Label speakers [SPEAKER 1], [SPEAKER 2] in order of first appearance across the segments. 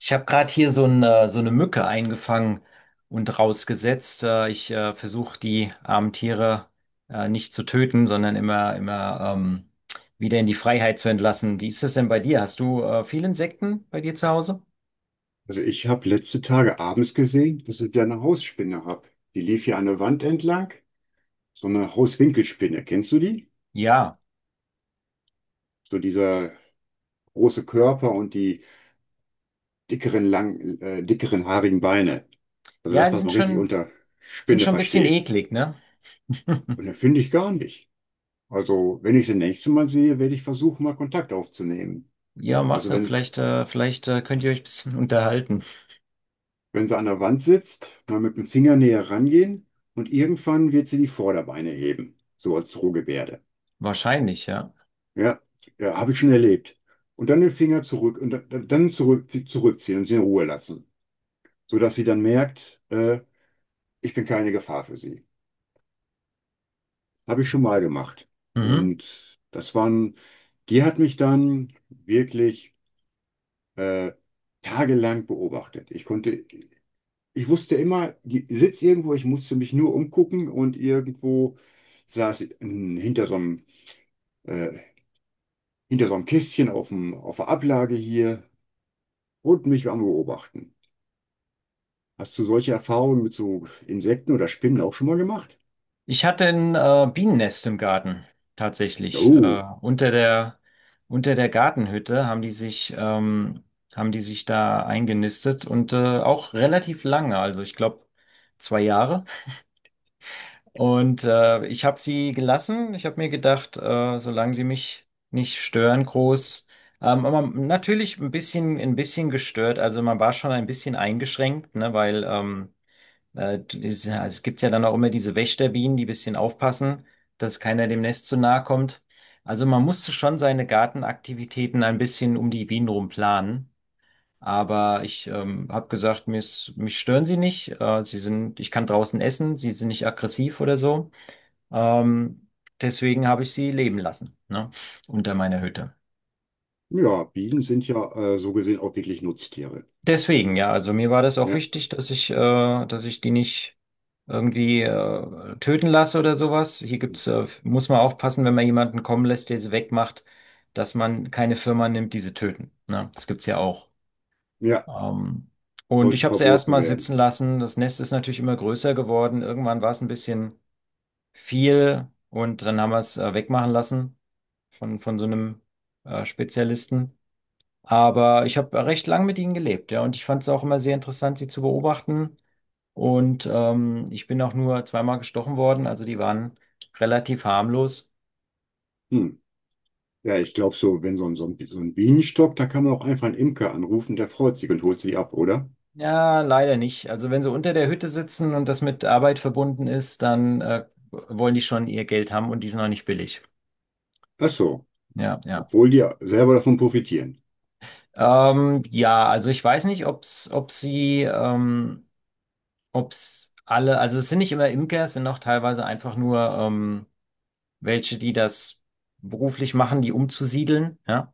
[SPEAKER 1] Ich habe gerade hier so eine Mücke eingefangen und rausgesetzt. Ich versuche die armen Tiere nicht zu töten, sondern immer wieder in die Freiheit zu entlassen. Wie ist das denn bei dir? Hast du viele Insekten bei dir zu Hause?
[SPEAKER 2] Also ich habe letzte Tage abends gesehen, dass ich da eine Hausspinne habe. Die lief hier an der Wand entlang. So eine Hauswinkelspinne. Kennst du die?
[SPEAKER 1] Ja,
[SPEAKER 2] So dieser große Körper und die dickeren, dickeren haarigen Beine. Also
[SPEAKER 1] ja,
[SPEAKER 2] das,
[SPEAKER 1] die
[SPEAKER 2] was
[SPEAKER 1] sind
[SPEAKER 2] man richtig
[SPEAKER 1] schon,
[SPEAKER 2] unter
[SPEAKER 1] sind
[SPEAKER 2] Spinne
[SPEAKER 1] schon ein bisschen
[SPEAKER 2] versteht.
[SPEAKER 1] eklig, ne?
[SPEAKER 2] Und das finde ich gar nicht. Also wenn ich sie nächste Mal sehe, werde ich versuchen, mal Kontakt aufzunehmen.
[SPEAKER 1] Ja, mach's.
[SPEAKER 2] Also wenn,
[SPEAKER 1] Vielleicht könnt ihr euch ein bisschen unterhalten.
[SPEAKER 2] wenn sie an der Wand sitzt, mal mit dem Finger näher rangehen und irgendwann wird sie die Vorderbeine heben. So als Drohgebärde.
[SPEAKER 1] Wahrscheinlich, ja.
[SPEAKER 2] Ja, ja, habe ich schon erlebt. Und dann den Finger zurück und dann zurückziehen und sie in Ruhe lassen, sodass sie dann merkt, ich bin keine Gefahr für sie. Habe ich schon mal gemacht.
[SPEAKER 1] Mhm.
[SPEAKER 2] Und das waren, die hat mich dann wirklich äh, tagelang beobachtet. Ich wusste immer, die sitzt irgendwo, ich musste mich nur umgucken und irgendwo saß sie hinter äh, hinter so einem Kästchen auf auf der Ablage hier und mich am Beobachten. Hast du solche Erfahrungen mit so Insekten oder Spinnen auch schon mal gemacht?
[SPEAKER 1] Ich hatte ein Bienennest im Garten,
[SPEAKER 2] Ja.
[SPEAKER 1] tatsächlich.
[SPEAKER 2] Oh,
[SPEAKER 1] Unter der Gartenhütte haben die sich da eingenistet und auch relativ lange, also ich glaube zwei Jahre. Und ich habe sie gelassen. Ich habe mir gedacht, solange sie mich nicht stören, groß. Aber natürlich ein bisschen gestört. Also man war schon ein bisschen eingeschränkt, ne, also es gibt ja dann auch immer diese Wächterbienen, die ein bisschen aufpassen, dass keiner dem Nest zu nahe kommt. Also man musste schon seine Gartenaktivitäten ein bisschen um die Bienen rum planen. Aber ich habe gesagt, mich stören sie nicht. Ich kann draußen essen, sie sind nicht aggressiv oder so. Ähm, Deswegen habe ich sie leben lassen, ne, unter meiner Hütte.
[SPEAKER 2] ja, Bienen sind ja so gesehen auch wirklich Nutztiere.
[SPEAKER 1] Deswegen, ja, also mir war das auch
[SPEAKER 2] Ja,
[SPEAKER 1] wichtig, dass ich die nicht irgendwie töten lasse oder sowas. Hier gibt's, muss man aufpassen, wenn man jemanden kommen lässt, der sie wegmacht, dass man keine Firma nimmt, die sie töten. Ne? Das gibt's ja auch.
[SPEAKER 2] ja,
[SPEAKER 1] Ähm, und ich
[SPEAKER 2] sollte
[SPEAKER 1] habe sie
[SPEAKER 2] verboten
[SPEAKER 1] erstmal
[SPEAKER 2] werden.
[SPEAKER 1] sitzen lassen. Das Nest ist natürlich immer größer geworden. Irgendwann war es ein bisschen viel und dann haben wir es wegmachen lassen von so einem Spezialisten. Aber ich habe recht lang mit ihnen gelebt, ja, und ich fand es auch immer sehr interessant, sie zu beobachten. Und ich bin auch nur zweimal gestochen worden, also die waren relativ harmlos.
[SPEAKER 2] Hm. Ja, ich glaube so, wenn so ein Bienenstock, da kann man auch einfach einen Imker anrufen, der freut sich und holt sie ab, oder?
[SPEAKER 1] Ja, leider nicht. Also wenn sie unter der Hütte sitzen und das mit Arbeit verbunden ist, dann wollen die schon ihr Geld haben und die sind noch nicht billig.
[SPEAKER 2] Ach so,
[SPEAKER 1] Ja, ja.
[SPEAKER 2] obwohl die selber davon profitieren.
[SPEAKER 1] Ja, also ich weiß nicht, ob's alle, also es sind nicht immer Imker, es sind auch teilweise einfach nur welche, die das beruflich machen, die umzusiedeln, ja.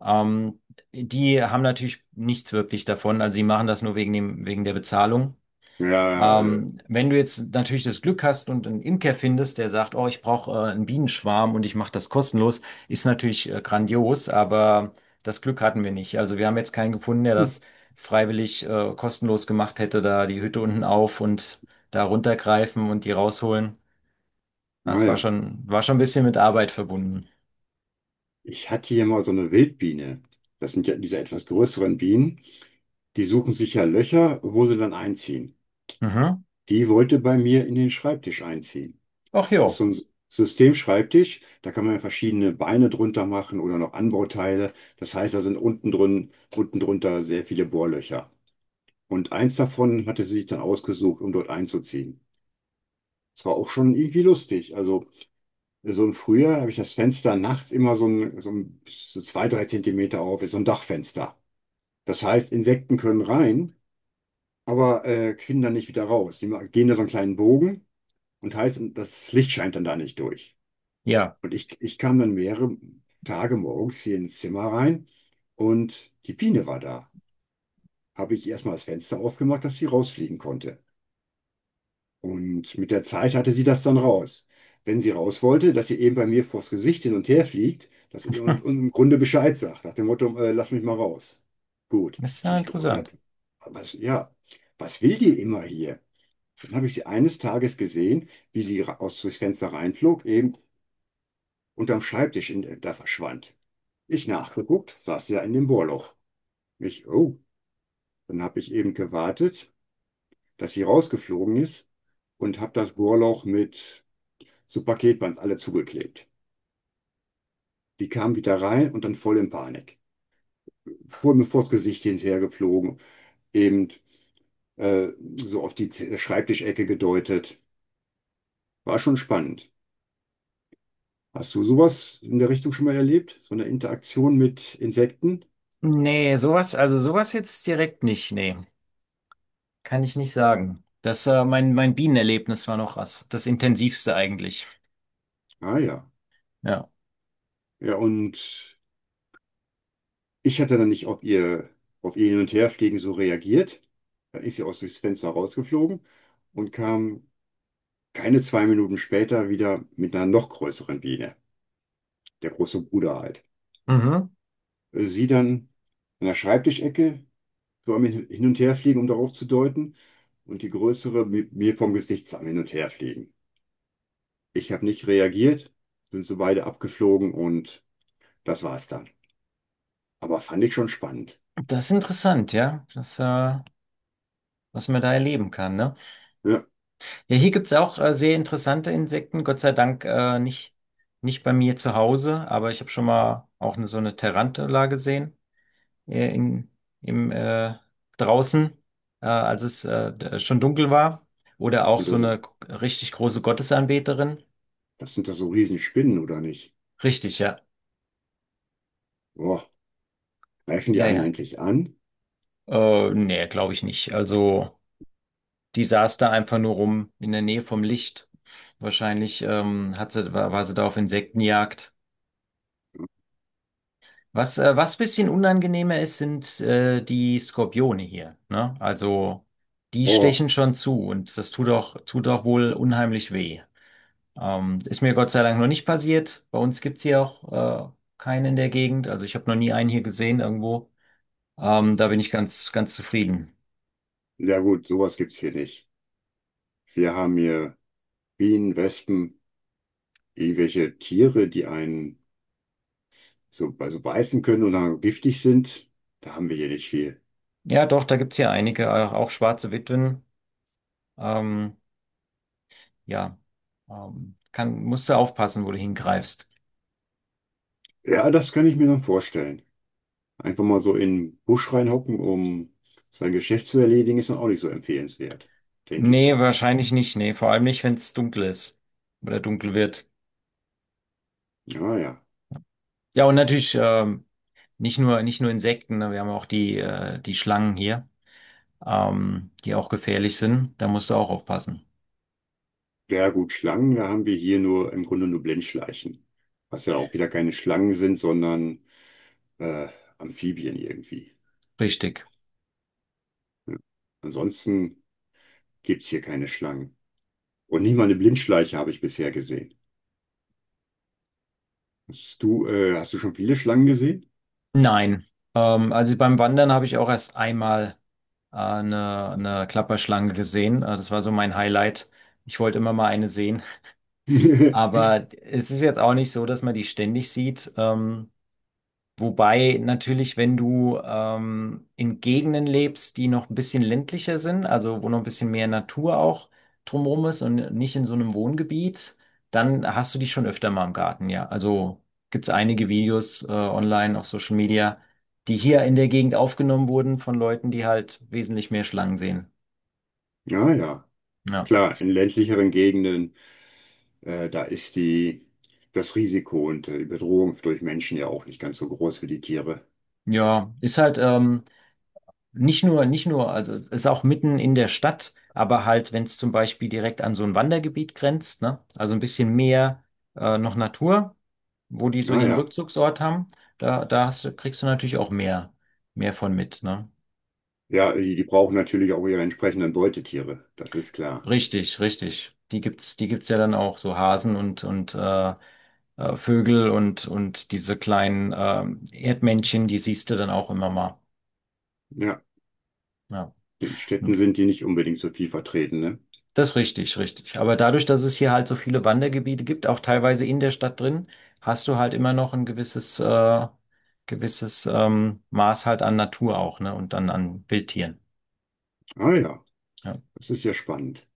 [SPEAKER 1] Ähm, Die haben natürlich nichts wirklich davon, also sie machen das nur wegen der Bezahlung.
[SPEAKER 2] Ja,
[SPEAKER 1] Wenn du jetzt natürlich das Glück hast und einen Imker findest, der sagt, oh, ich brauche einen Bienenschwarm und ich mache das kostenlos, ist natürlich grandios, aber das Glück hatten wir nicht. Also wir haben jetzt keinen gefunden, der das
[SPEAKER 2] hm,
[SPEAKER 1] freiwillig kostenlos gemacht hätte, da die Hütte unten auf und da runtergreifen und die rausholen. Das war
[SPEAKER 2] naja.
[SPEAKER 1] schon, war schon ein bisschen mit Arbeit verbunden.
[SPEAKER 2] Ich hatte hier mal so eine Wildbiene. Das sind ja diese etwas größeren Bienen. Die suchen sich ja Löcher, wo sie dann einziehen.
[SPEAKER 1] Mhm.
[SPEAKER 2] Die wollte bei mir in den Schreibtisch einziehen.
[SPEAKER 1] Ach
[SPEAKER 2] Das ist so
[SPEAKER 1] jo,
[SPEAKER 2] ein Systemschreibtisch, da kann man verschiedene Beine drunter machen oder noch Anbauteile. Das heißt, da sind unten drin, unten drunter sehr viele Bohrlöcher. Und eins davon hatte sie sich dann ausgesucht, um dort einzuziehen. Das war auch schon irgendwie lustig. Also so im Frühjahr habe ich das Fenster nachts immer so zwei, drei Zentimeter auf, ist so ein Dachfenster. Das heißt, Insekten können rein, aber finden dann nicht wieder raus. Gehen da so einen kleinen Bogen, und heißt, das Licht scheint dann da nicht durch.
[SPEAKER 1] ja,
[SPEAKER 2] Und ich kam dann mehrere Tage morgens hier ins Zimmer rein und die Biene war da. Habe ich erstmal das Fenster aufgemacht, dass sie rausfliegen konnte. Und mit der Zeit hatte sie das dann raus. Wenn sie raus wollte, dass sie eben bei mir vors Gesicht hin und her fliegt, und im Grunde Bescheid sagt, nach dem Motto, lass mich mal raus. Gut,
[SPEAKER 1] ist
[SPEAKER 2] ich
[SPEAKER 1] ja
[SPEAKER 2] mich
[SPEAKER 1] interessant.
[SPEAKER 2] gewundert. Ja, was will die immer hier? Dann habe ich sie eines Tages gesehen, wie sie aus durchs Fenster reinflog, eben unterm Schreibtisch in, da verschwand. Ich nachgeguckt, saß sie ja in dem Bohrloch. Ich, oh, dann habe ich eben gewartet, dass sie rausgeflogen ist und habe das Bohrloch mit so Paketband alle zugeklebt. Die kam wieder rein und dann voll in Panik. Vor mir vors Gesicht hinterhergeflogen, eben äh, so auf die Schreibtischecke gedeutet. War schon spannend. Hast du sowas in der Richtung schon mal erlebt? So eine Interaktion mit Insekten?
[SPEAKER 1] Nee, sowas, also sowas jetzt direkt nicht, nee, kann ich nicht sagen. Das, mein Bienenerlebnis war noch das intensivste eigentlich.
[SPEAKER 2] Ah ja.
[SPEAKER 1] Ja.
[SPEAKER 2] Ja, und ich hatte dann nicht auf auf ihr Hin- und Herfliegen so reagiert. Dann ist sie aus dem Fenster rausgeflogen und kam keine zwei Minuten später wieder mit einer noch größeren Biene, der große Bruder halt.
[SPEAKER 1] Mhm.
[SPEAKER 2] Sie dann an der Schreibtischecke, so am Hin- und Herfliegen, um darauf zu deuten, und die größere mir vom Gesicht am Hin- und Herfliegen. Ich habe nicht reagiert, sind so beide abgeflogen und das war's dann. Aber fand ich schon spannend.
[SPEAKER 1] Das ist interessant, ja, das, was man da erleben kann, ne?
[SPEAKER 2] Ja,
[SPEAKER 1] Ja, hier gibt's auch sehr interessante Insekten, Gott sei Dank nicht bei mir zu Hause, aber ich habe schon mal auch eine, so eine Tarantula gesehen. äh, in, im, äh, Draußen, als es schon dunkel war. Oder auch
[SPEAKER 2] sind
[SPEAKER 1] so
[SPEAKER 2] das,
[SPEAKER 1] eine richtig große Gottesanbeterin.
[SPEAKER 2] das sind doch so Riesenspinnen, oder nicht?
[SPEAKER 1] Richtig, ja.
[SPEAKER 2] Boah. Greifen die
[SPEAKER 1] Ja,
[SPEAKER 2] einen
[SPEAKER 1] ja.
[SPEAKER 2] eigentlich an?
[SPEAKER 1] Nee, glaube ich nicht. Also, die saß da einfach nur rum in der Nähe vom Licht. Wahrscheinlich war sie da auf Insektenjagd. Was, was bisschen unangenehmer ist, sind die Skorpione hier. Ne? Also, die
[SPEAKER 2] Oh,
[SPEAKER 1] stechen schon zu und das tut tut auch wohl unheimlich weh. Ist mir Gott sei Dank noch nicht passiert. Bei uns gibt's hier auch keinen in der Gegend. Also ich habe noch nie einen hier gesehen irgendwo. Da bin ich ganz zufrieden.
[SPEAKER 2] ja gut, sowas gibt's hier nicht. Wir haben hier Bienen, Wespen, irgendwelche Tiere, die einen so, also beißen können und dann giftig sind. Da haben wir hier nicht viel.
[SPEAKER 1] Ja, doch, da gibt's hier einige, auch schwarze Witwen. Ähm, ja, musst du aufpassen, wo du hingreifst.
[SPEAKER 2] Ja, das kann ich mir dann vorstellen. Einfach mal so in den Busch reinhocken, um sein Geschäft zu erledigen, ist dann auch nicht so empfehlenswert, denke ich
[SPEAKER 1] Nee,
[SPEAKER 2] mal.
[SPEAKER 1] wahrscheinlich nicht. Nee, vor allem nicht, wenn es dunkel ist oder dunkel wird.
[SPEAKER 2] Ja, ja.
[SPEAKER 1] Ja, und natürlich nicht nur Insekten, ne, wir haben auch die, die Schlangen hier, die auch gefährlich sind. Da musst du auch aufpassen.
[SPEAKER 2] Ja gut, Schlangen, da haben wir hier nur im Grunde nur Blindschleichen. Was ja auch wieder keine Schlangen sind, sondern äh, Amphibien irgendwie.
[SPEAKER 1] Richtig.
[SPEAKER 2] Ansonsten gibt es hier keine Schlangen. Und nicht mal eine Blindschleiche habe ich bisher gesehen. Hast du schon viele Schlangen gesehen?
[SPEAKER 1] Nein. Also beim Wandern habe ich auch erst einmal eine Klapperschlange gesehen. Das war so mein Highlight. Ich wollte immer mal eine sehen. Aber es ist jetzt auch nicht so, dass man die ständig sieht. Wobei natürlich, wenn du in Gegenden lebst, die noch ein bisschen ländlicher sind, also wo noch ein bisschen mehr Natur auch drumherum ist und nicht in so einem Wohngebiet, dann hast du die schon öfter mal im Garten, ja. Also gibt's einige Videos online auf Social Media, die hier in der Gegend aufgenommen wurden von Leuten, die halt wesentlich mehr Schlangen sehen.
[SPEAKER 2] Ja, ja,
[SPEAKER 1] Ja,
[SPEAKER 2] klar, in ländlicheren Gegenden, da ist das Risiko und die Bedrohung durch Menschen ja auch nicht ganz so groß wie die Tiere.
[SPEAKER 1] ja, ist halt. Nicht nur, also es ist auch mitten in der Stadt, aber halt, wenn es zum Beispiel direkt an so ein Wandergebiet grenzt, ne? Also ein bisschen mehr noch Natur, wo die so
[SPEAKER 2] Ja,
[SPEAKER 1] ihren
[SPEAKER 2] ja,
[SPEAKER 1] Rückzugsort haben, da kriegst du natürlich auch mehr von mit, ne?
[SPEAKER 2] ja, die brauchen natürlich auch ihre entsprechenden Beutetiere, das ist klar.
[SPEAKER 1] Richtig. Die gibt's ja dann auch, so Hasen und Vögel und diese kleinen Erdmännchen, die siehst du dann auch immer mal.
[SPEAKER 2] Ja,
[SPEAKER 1] Ja.
[SPEAKER 2] in Städten sind die nicht unbedingt so viel vertreten, ne?
[SPEAKER 1] Das ist richtig. Aber dadurch, dass es hier halt so viele Wandergebiete gibt, auch teilweise in der Stadt drin, hast du halt immer noch ein gewisses, Maß halt an Natur auch, ne? Und dann an Wildtieren.
[SPEAKER 2] Ah ja,
[SPEAKER 1] Ja.
[SPEAKER 2] das ist ja spannend.